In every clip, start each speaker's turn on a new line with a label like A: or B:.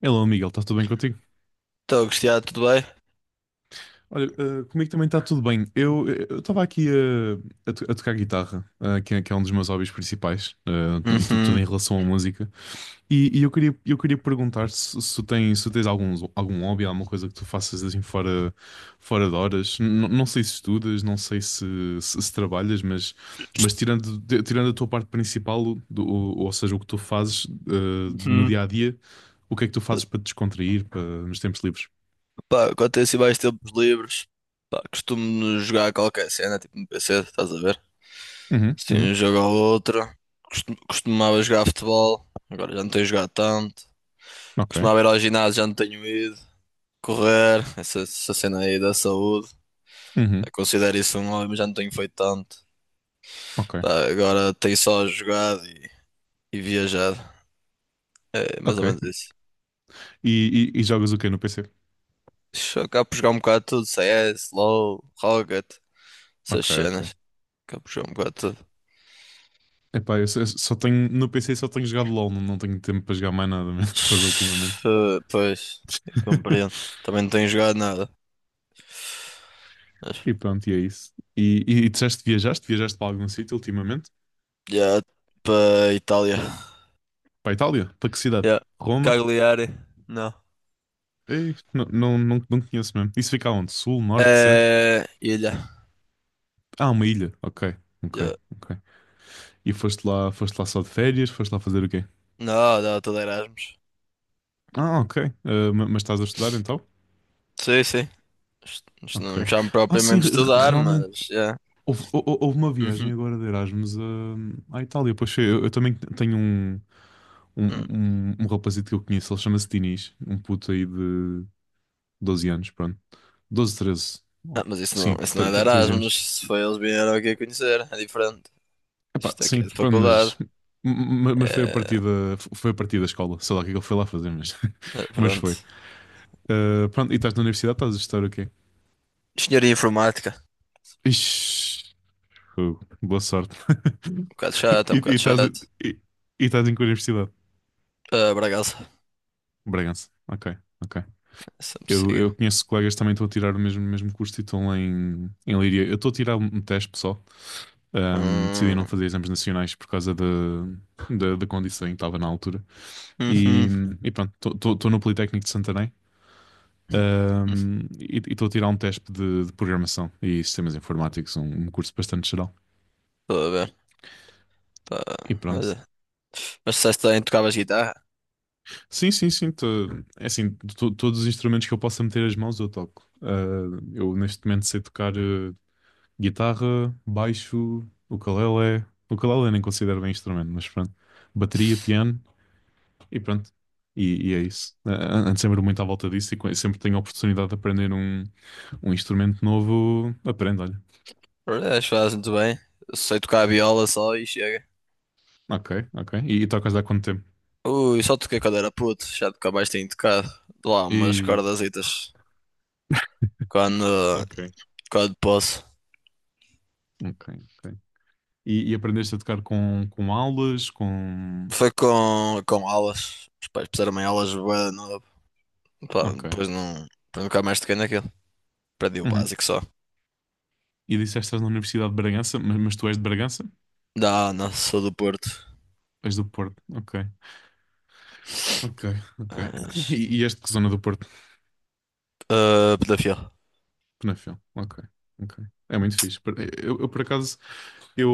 A: Hello, Miguel, está tudo bem contigo?
B: Estou, Cristiano, tudo bem?
A: Olha, comigo também está tudo bem. Eu eu estava aqui a tocar guitarra, é que é um dos meus hobbies principais, tudo
B: Uhum,
A: em relação à música. E, eu queria perguntar se tu tens, se tu tens algum, algum hobby, alguma coisa que tu faças assim fora, fora de horas. Não sei se estudas, não sei se trabalhas, mas tirando, tirando a tua parte principal, ou seja, o que tu fazes no
B: uhum.
A: dia a dia, o que é que tu fazes para te descontrair, para, nos tempos livres?
B: Pá, quando tenho assim mais tempos livres, pá, costumo jogar qualquer cena, tipo no PC, estás a ver?
A: Uhum,
B: Assim,
A: uhum.
B: um jogo ou outro. Costumava jogar futebol, agora já não tenho jogado tanto.
A: Ok.
B: Costumava ir ao ginásio, já não tenho ido. Correr, essa cena aí da saúde.
A: Uhum.
B: Eu considero isso um hobby, mas já não tenho feito tanto.
A: Ok.
B: Pá, agora tenho só jogado e viajado. É mais
A: Ok.
B: ou menos isso.
A: E, e jogas o quê no PC?
B: Acabo por jogar um bocado de tudo, CS, LoL, Rocket, essas
A: Ok, ok.
B: cenas. Caprichou um bocado tudo.
A: Epá, eu só tenho, no PC só tenho jogado LOL, não, não tenho tempo para jogar mais nada mesmo jogo ultimamente.
B: Pois, eu compreendo. Também não tenho jogado nada. Mas
A: E pronto, e é isso. E disseste, que viajaste? Viajaste para algum sítio ultimamente?
B: já, para Itália.
A: Para a Itália? Para que cidade?
B: Já,
A: Roma?
B: Cagliari. Não.
A: Ei, não, não, não, não conheço mesmo. Isso fica onde? Sul, norte, centro?
B: É, ilha.
A: Ah, uma ilha. Ok, ok,
B: Já.
A: ok. E foste lá só de férias? Foste lá fazer o quê?
B: Não, não, tudo Erasmus.
A: Ah, ok. Ah, mas estás a estudar então?
B: Sim, sim. Isto
A: Ok.
B: não me chamo
A: Ah, sim,
B: propriamente de estudar,
A: realmente.
B: mas já.
A: Houve, houve uma
B: Uhum.
A: viagem agora de Erasmus à Itália. Pois foi, eu também tenho um,
B: Hum.
A: rapazito que eu conheço, ele chama-se Dinis, um puto aí de 12 anos, pronto. 12 13.
B: Ah,
A: Oh,
B: mas isso não,
A: sim,
B: isso não é de
A: 13
B: Erasmus.
A: anos.
B: Se foi eles vieram aqui a conhecer, é diferente.
A: Epá,
B: Isto aqui
A: sim,
B: é de
A: pronto,
B: faculdade.
A: mas, mas foi a
B: É,
A: partir da, foi a partir da escola. Sei lá o que é que ele foi lá fazer, mas, mas
B: pronto.
A: foi. Ah, pronto, e estás na universidade, estás a estudar o quê?
B: Engenharia informática.
A: Ixi, fogo, boa sorte.
B: Um bocado chato, é
A: E,
B: um
A: e
B: bocado
A: estás,
B: chato.
A: e, e estás em que universidade?
B: Ah, Bragaça,
A: Bragança. Ok, ok.
B: sempre siga.
A: Eu conheço colegas que também estão a tirar o mesmo, mesmo curso e estão lá em, em Leiria. Eu estou a tirar um teste pessoal. Decidi
B: Hum.
A: não fazer exames nacionais por causa da, da, da condição em que estava na altura. E,
B: Uhum.
A: e pronto, estou no Politécnico de Santarém.
B: Hum,
A: E estou a tirar um teste de programação e sistemas informáticos, um curso bastante geral.
B: estou a ver. Pá,
A: E pronto.
B: olha. Mas disseste bem, tocavas guitarra?
A: Sim, sim, sim. É assim, todos os instrumentos que eu possa meter as mãos eu toco. Ah, eu neste momento sei tocar guitarra, baixo, ukulele. Ukulele nem considero bem instrumento, mas pronto. Bateria, piano e pronto. E é isso. Ando sempre muito à volta disso e sempre tenho a oportunidade de aprender um, um instrumento novo. Aprendo, olha.
B: Olha, acho que fazes muito bem. Eu sei tocar a viola só e chega.
A: Ok, ok. E tocas há quanto tempo?
B: Ui, só toquei quando era puto, já nunca mais tenho tocado. Lá umas
A: E.
B: cordazitas quando,
A: Ok,
B: quando posso.
A: ok, ok. E aprendeste a tocar com aulas, com.
B: Foi com aulas. Os pais puseram-me em aulas bué de novo. Pá,
A: Ok.
B: depois não. Depois nunca mais toquei naquilo. Aprendi o
A: Uhum.
B: básico só.
A: E disseste que estás na Universidade de Bragança, mas tu és de Bragança?
B: Não, não, sou do Porto.
A: És do Porto. Ok, ok, ok.
B: Mas
A: E és de que zona do Porto?
B: ah, Pedofil.
A: Penafel, ok, ok. É muito fixe. Eu, por acaso, eu-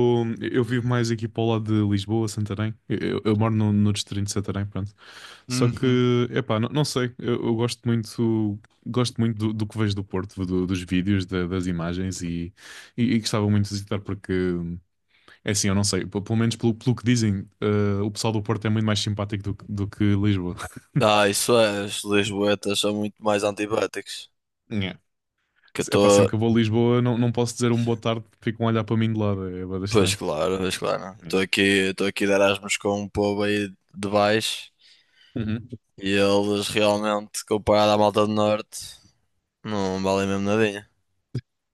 A: vivo mais aqui para o lado de Lisboa, Santarém. Eu, eu moro no, no distrito de Santarém, pronto. Só que,
B: Uhum.
A: epá, não, não sei, eu gosto muito do, do que vejo do Porto, dos vídeos, das imagens e, e gostava muito de visitar porque, é assim, eu não sei, pelo menos pelo, pelo que dizem, o pessoal do Porto é muito mais simpático do, do que Lisboa.
B: Ah, isso é, os lisboetas são muito mais antibáticos.
A: É.
B: Que eu
A: Epá, sempre
B: estou.
A: que eu vou a Lisboa, não, não posso dizer um boa tarde, ficam a olhar para mim de lado, é bastante
B: Pois
A: estranho.
B: claro, pois claro.
A: É.
B: Estou aqui de Erasmus com um povo aí de baixo
A: Uhum.
B: e eles realmente, comparado à malta do norte, não valem mesmo nadinha.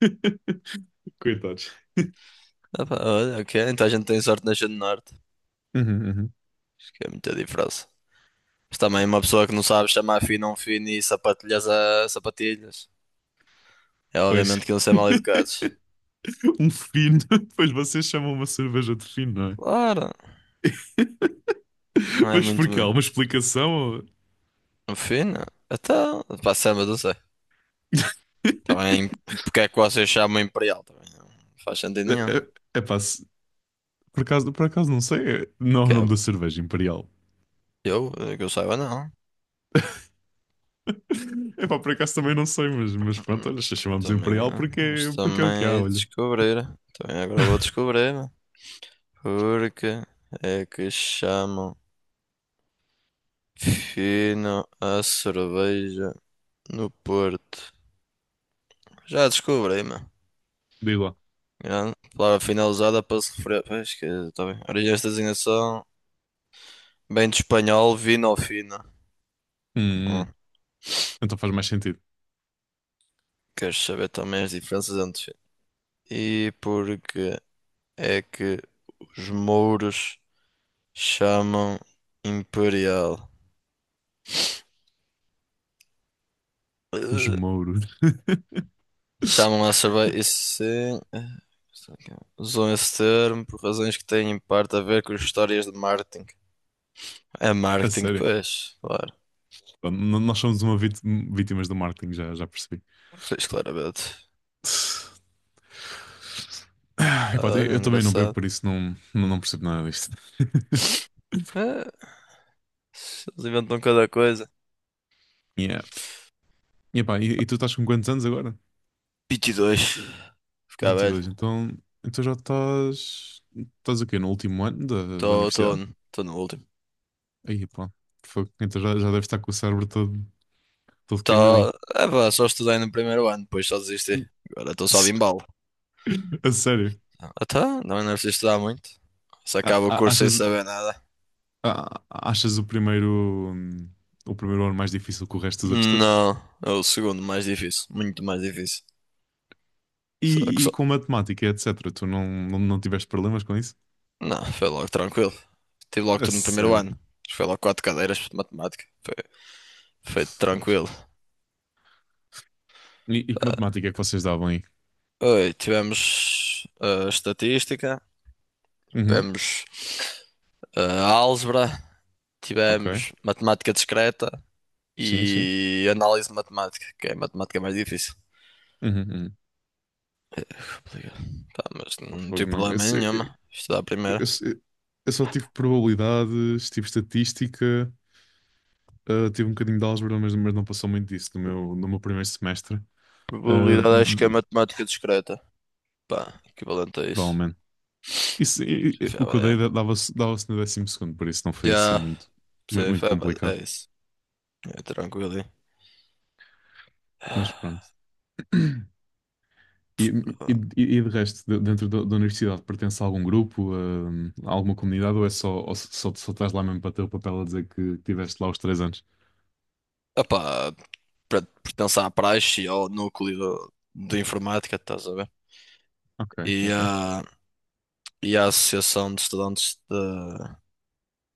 A: Coitados.
B: Ah pá, olha, ok, então a gente tem sorte de nascer no norte.
A: Uhum, uhum.
B: Acho que é muita diferença. Mas também uma pessoa que não sabe chamar fino a um fino e sapatilhas a sapatilhas. É obviamente
A: Pois,
B: que iam ser mal educados.
A: um fino. Pois vocês chamam uma cerveja de fino, não é?
B: Claro, não é
A: Mas
B: muito
A: porquê? Há uma explicação?
B: fina. Então, pá, Sam, eu não sei. Também, porque é que vocês chamam imperial? Também não faz sentido
A: É,
B: nenhum.
A: é, é, por acaso não sei. É. Não é
B: Que
A: o
B: é-
A: nome da cerveja, Imperial.
B: eu, que eu saiba, não.
A: É pá, por acaso também não sei, mas pronto, olha, se chamamos
B: Também,
A: Imperial porque,
B: isto
A: porque é o que
B: também
A: há,
B: é
A: olha.
B: descobrir. Também agora vou descobrir, né? Porque é que chamam fino a cerveja no Porto? Já descobri, mano.
A: Diz lá.
B: Grande palavra finalizada para se referir. Pois que, tá bem. Origens da designação, bem de espanhol, vinho fino.
A: Hum,
B: Hum.
A: então faz mais sentido.
B: Queres saber também as diferenças entre e porque é que os mouros chamam imperial?
A: Os
B: Eh,
A: mouros.
B: Chamam a cerveja. Isso sim. Isso aqui. Usam esse termo por razões que têm em parte a ver com as histórias de marketing. É
A: A
B: marketing,
A: sério.
B: pois, claro.
A: Pronto, nós somos uma vítimas do marketing, já, já percebi.
B: Pois, claramente.
A: Ah, epá, eu
B: Olha,
A: eu também não bebo,
B: engraçado.
A: por isso não, não, não percebo nada disto.
B: Eh, Eles inventam cada coisa.
A: Yeah. E, epá, e tu estás com quantos anos agora?
B: 22. Ficar
A: vinte e
B: velho.
A: dois então, então já estás. Estás o quê? No último ano da, da universidade?
B: Estou no último.
A: Aí, pá, fogo. Então já, já deves estar com o cérebro todo, todo queimadinho.
B: É, pá, só estudei no primeiro ano, depois só desisti. Agora estou só de embalo.
A: A sério.
B: Até, não é preciso estudar muito. Se acaba o curso sem
A: Achas,
B: saber nada.
A: achas o primeiro ano mais difícil que o resto dos outros todos?
B: Não, é o segundo mais difícil, muito mais difícil. Só que só.
A: E com matemática, etc. Tu não, não, não tiveste problemas com isso?
B: Não, foi logo tranquilo. Tive logo
A: A
B: tudo no primeiro
A: sério.
B: ano. Foi logo quatro cadeiras de matemática. Foi, foi tranquilo.
A: Fogo. E que matemática é que vocês davam aí?
B: Oi, tivemos estatística,
A: Uhum,
B: tivemos álgebra,
A: ok.
B: tivemos matemática discreta
A: Sim, sim.
B: e análise matemática, que é matemática mais difícil.
A: Uhum, uhum.
B: É, tá, mas
A: Oh,
B: não tive
A: fogo, não.
B: problema nenhuma. Estudar a primeira.
A: Esse- eu só tive probabilidades, tive estatística, ah, tive um bocadinho de álgebra, mas não passou muito disso no meu, no meu primeiro semestre. Ah,
B: Probabilidade acho que é matemática discreta. Pá, equivalente a isso.
A: provavelmente. Isso, o que eu
B: Já,
A: dei dava-se no 12º, por isso não foi assim
B: já
A: muito,
B: sei,
A: muito
B: foi, mas
A: complicado.
B: é isso. É tranquilo, hein?
A: Mas pronto. E, e, e, de resto, dentro da, da universidade, pertence a algum grupo, a alguma comunidade, ou é só, ou só, só estás lá mesmo para ter o papel a dizer que tiveste lá os 3 anos?
B: Ah, pá, pertenço à praxe e ao núcleo de informática, estás a ver?
A: Ok,
B: E
A: ok,
B: à, e à associação de estudantes da,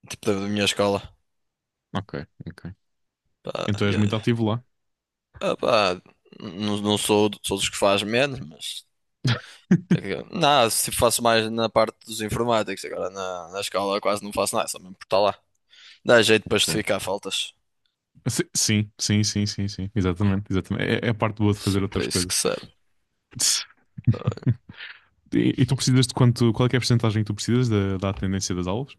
B: tipo, da minha escola.
A: ok, ok.
B: Pá,
A: Então
B: e
A: és muito
B: é-
A: ativo lá.
B: ah, pá, não, não sou, sou dos que faz menos, mas. Não, se faço mais na parte dos informáticos, agora na, na escola quase não faço nada, só mesmo por estar lá. Dá jeito para
A: Ok.
B: justificar faltas.
A: Sim, sim, sim, sim, sim, exatamente, exatamente. É, é a parte boa de
B: Se é
A: fazer
B: para
A: outras
B: isso que
A: coisas.
B: serve.
A: Tss. E tu precisas de quanto, qual é que é a percentagem que tu precisas da, da atendência das aulas?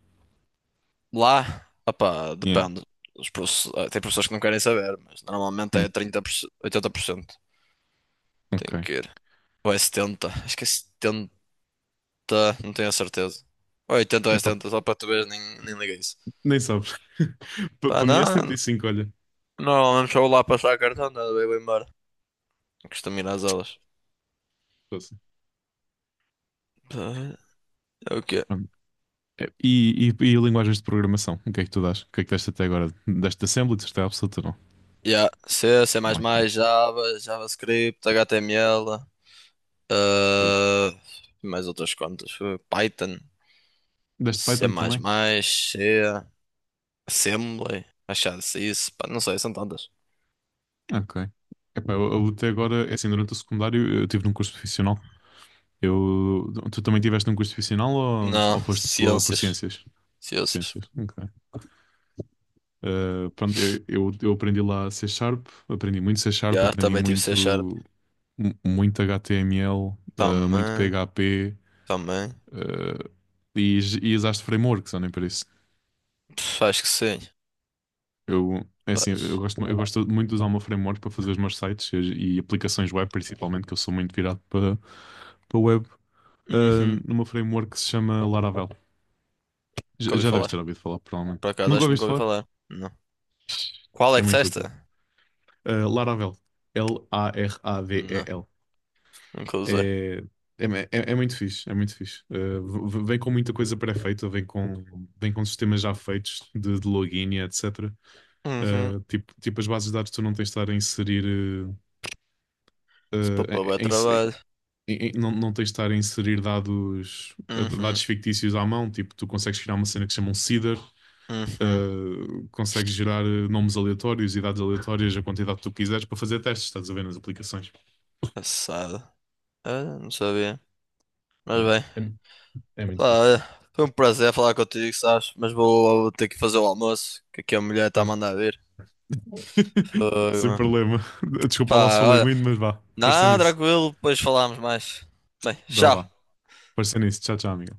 B: Lá, opá,
A: Yeah.
B: depende. Ah, tem professores que não querem saber, mas normalmente é
A: Hum,
B: 30% 80%.
A: ok.
B: Tem que ir. Ou é 70%, acho que é 70%, não tenho a certeza. Ou é 80% ou é
A: Epá,
B: 70%, só para tu veres nem, nem liga isso.
A: nem sabes.
B: Pá,
A: Para mim é
B: não,
A: 75, olha.
B: normalmente só vou lá passar cartão, nada, eu vou embora. Costumo ir às aulas.
A: Poxa.
B: Pá, é o quê?
A: E linguagens de programação? O que é que tu dás? O que é que deste até agora? Deste Assembly? Deste absoluta não?
B: Yeah. C, C++,
A: Ok.
B: Java, JavaScript, HTML,
A: Foi.
B: ah, mais outras contas. Foi Python,
A: Deste
B: C++,
A: Python também?
B: C, Assembly, achado isso. Pá, não sei, são tantas.
A: Ok. Epá, eu até agora, é assim, durante o secundário eu tive num curso profissional. Eu, tu também tiveste num curso profissional
B: Não,
A: ou foste pela, por
B: ciências.
A: ciências?
B: Ciências.
A: Ciências, ok. Pronto, eu aprendi lá C Sharp, aprendi muito C Sharp,
B: Yeah,
A: aprendi
B: também tive C Sharp.
A: muito, muito HTML, eh, muito
B: Também,
A: PHP,
B: também.
A: eh, e usaste frameworks, ou nem para.
B: Pff, acho que sim.
A: Eu, é assim,
B: Paz.
A: eu gosto muito de usar o meu framework para fazer os meus sites e aplicações web, principalmente, que eu sou muito virado para, para web, ah,
B: Uhum.
A: no meu framework que se chama Laravel. Já,
B: Nunca ouvi
A: já deves
B: falar.
A: ter ouvido falar, provavelmente.
B: Por acaso,
A: Nunca
B: acho que nunca
A: ouviste
B: ouvi
A: falar?
B: falar. Não. Qual é
A: É
B: que
A: muito útil.
B: testa?
A: Ah, Laravel.
B: Não,
A: Laravel.
B: nunca usei.
A: É, é, é muito fixe, é muito fixe. Ah, vem com muita coisa pré-feita, vem com, sistemas já feitos de login e etc.
B: Uhum.
A: Ah, tipo, as bases de dados tu não tens de estar a inserir. ah,
B: Isso para pôr bué
A: Em,
B: trabalho.
A: e não, não tens de estar a inserir dados,
B: Uhum,
A: fictícios à mão, tipo, tu consegues criar uma cena que se chama um seeder,
B: uhum.
A: consegues gerar nomes aleatórios e dados aleatórios, a quantidade que tu quiseres, para fazer testes, estás a ver nas aplicações.
B: Assado. Ah, não sabia. Mas
A: Yeah.
B: bem,
A: É, é muito
B: lá,
A: fixe.
B: olha, foi um prazer falar contigo, sabes? Mas vou, vou ter que fazer o almoço, que aqui a mulher está a
A: Pronto.
B: mandar vir. Fogo,
A: Sem
B: mano.
A: problema. Desculpa lá se
B: Pá,
A: falei
B: olha.
A: muito, mas vá, pareceu
B: Não,
A: nisso.
B: tranquilo, depois falamos mais. Bem,
A: Então vá,
B: tchau.
A: pareceu nisso. Tchau, tchau, amigo.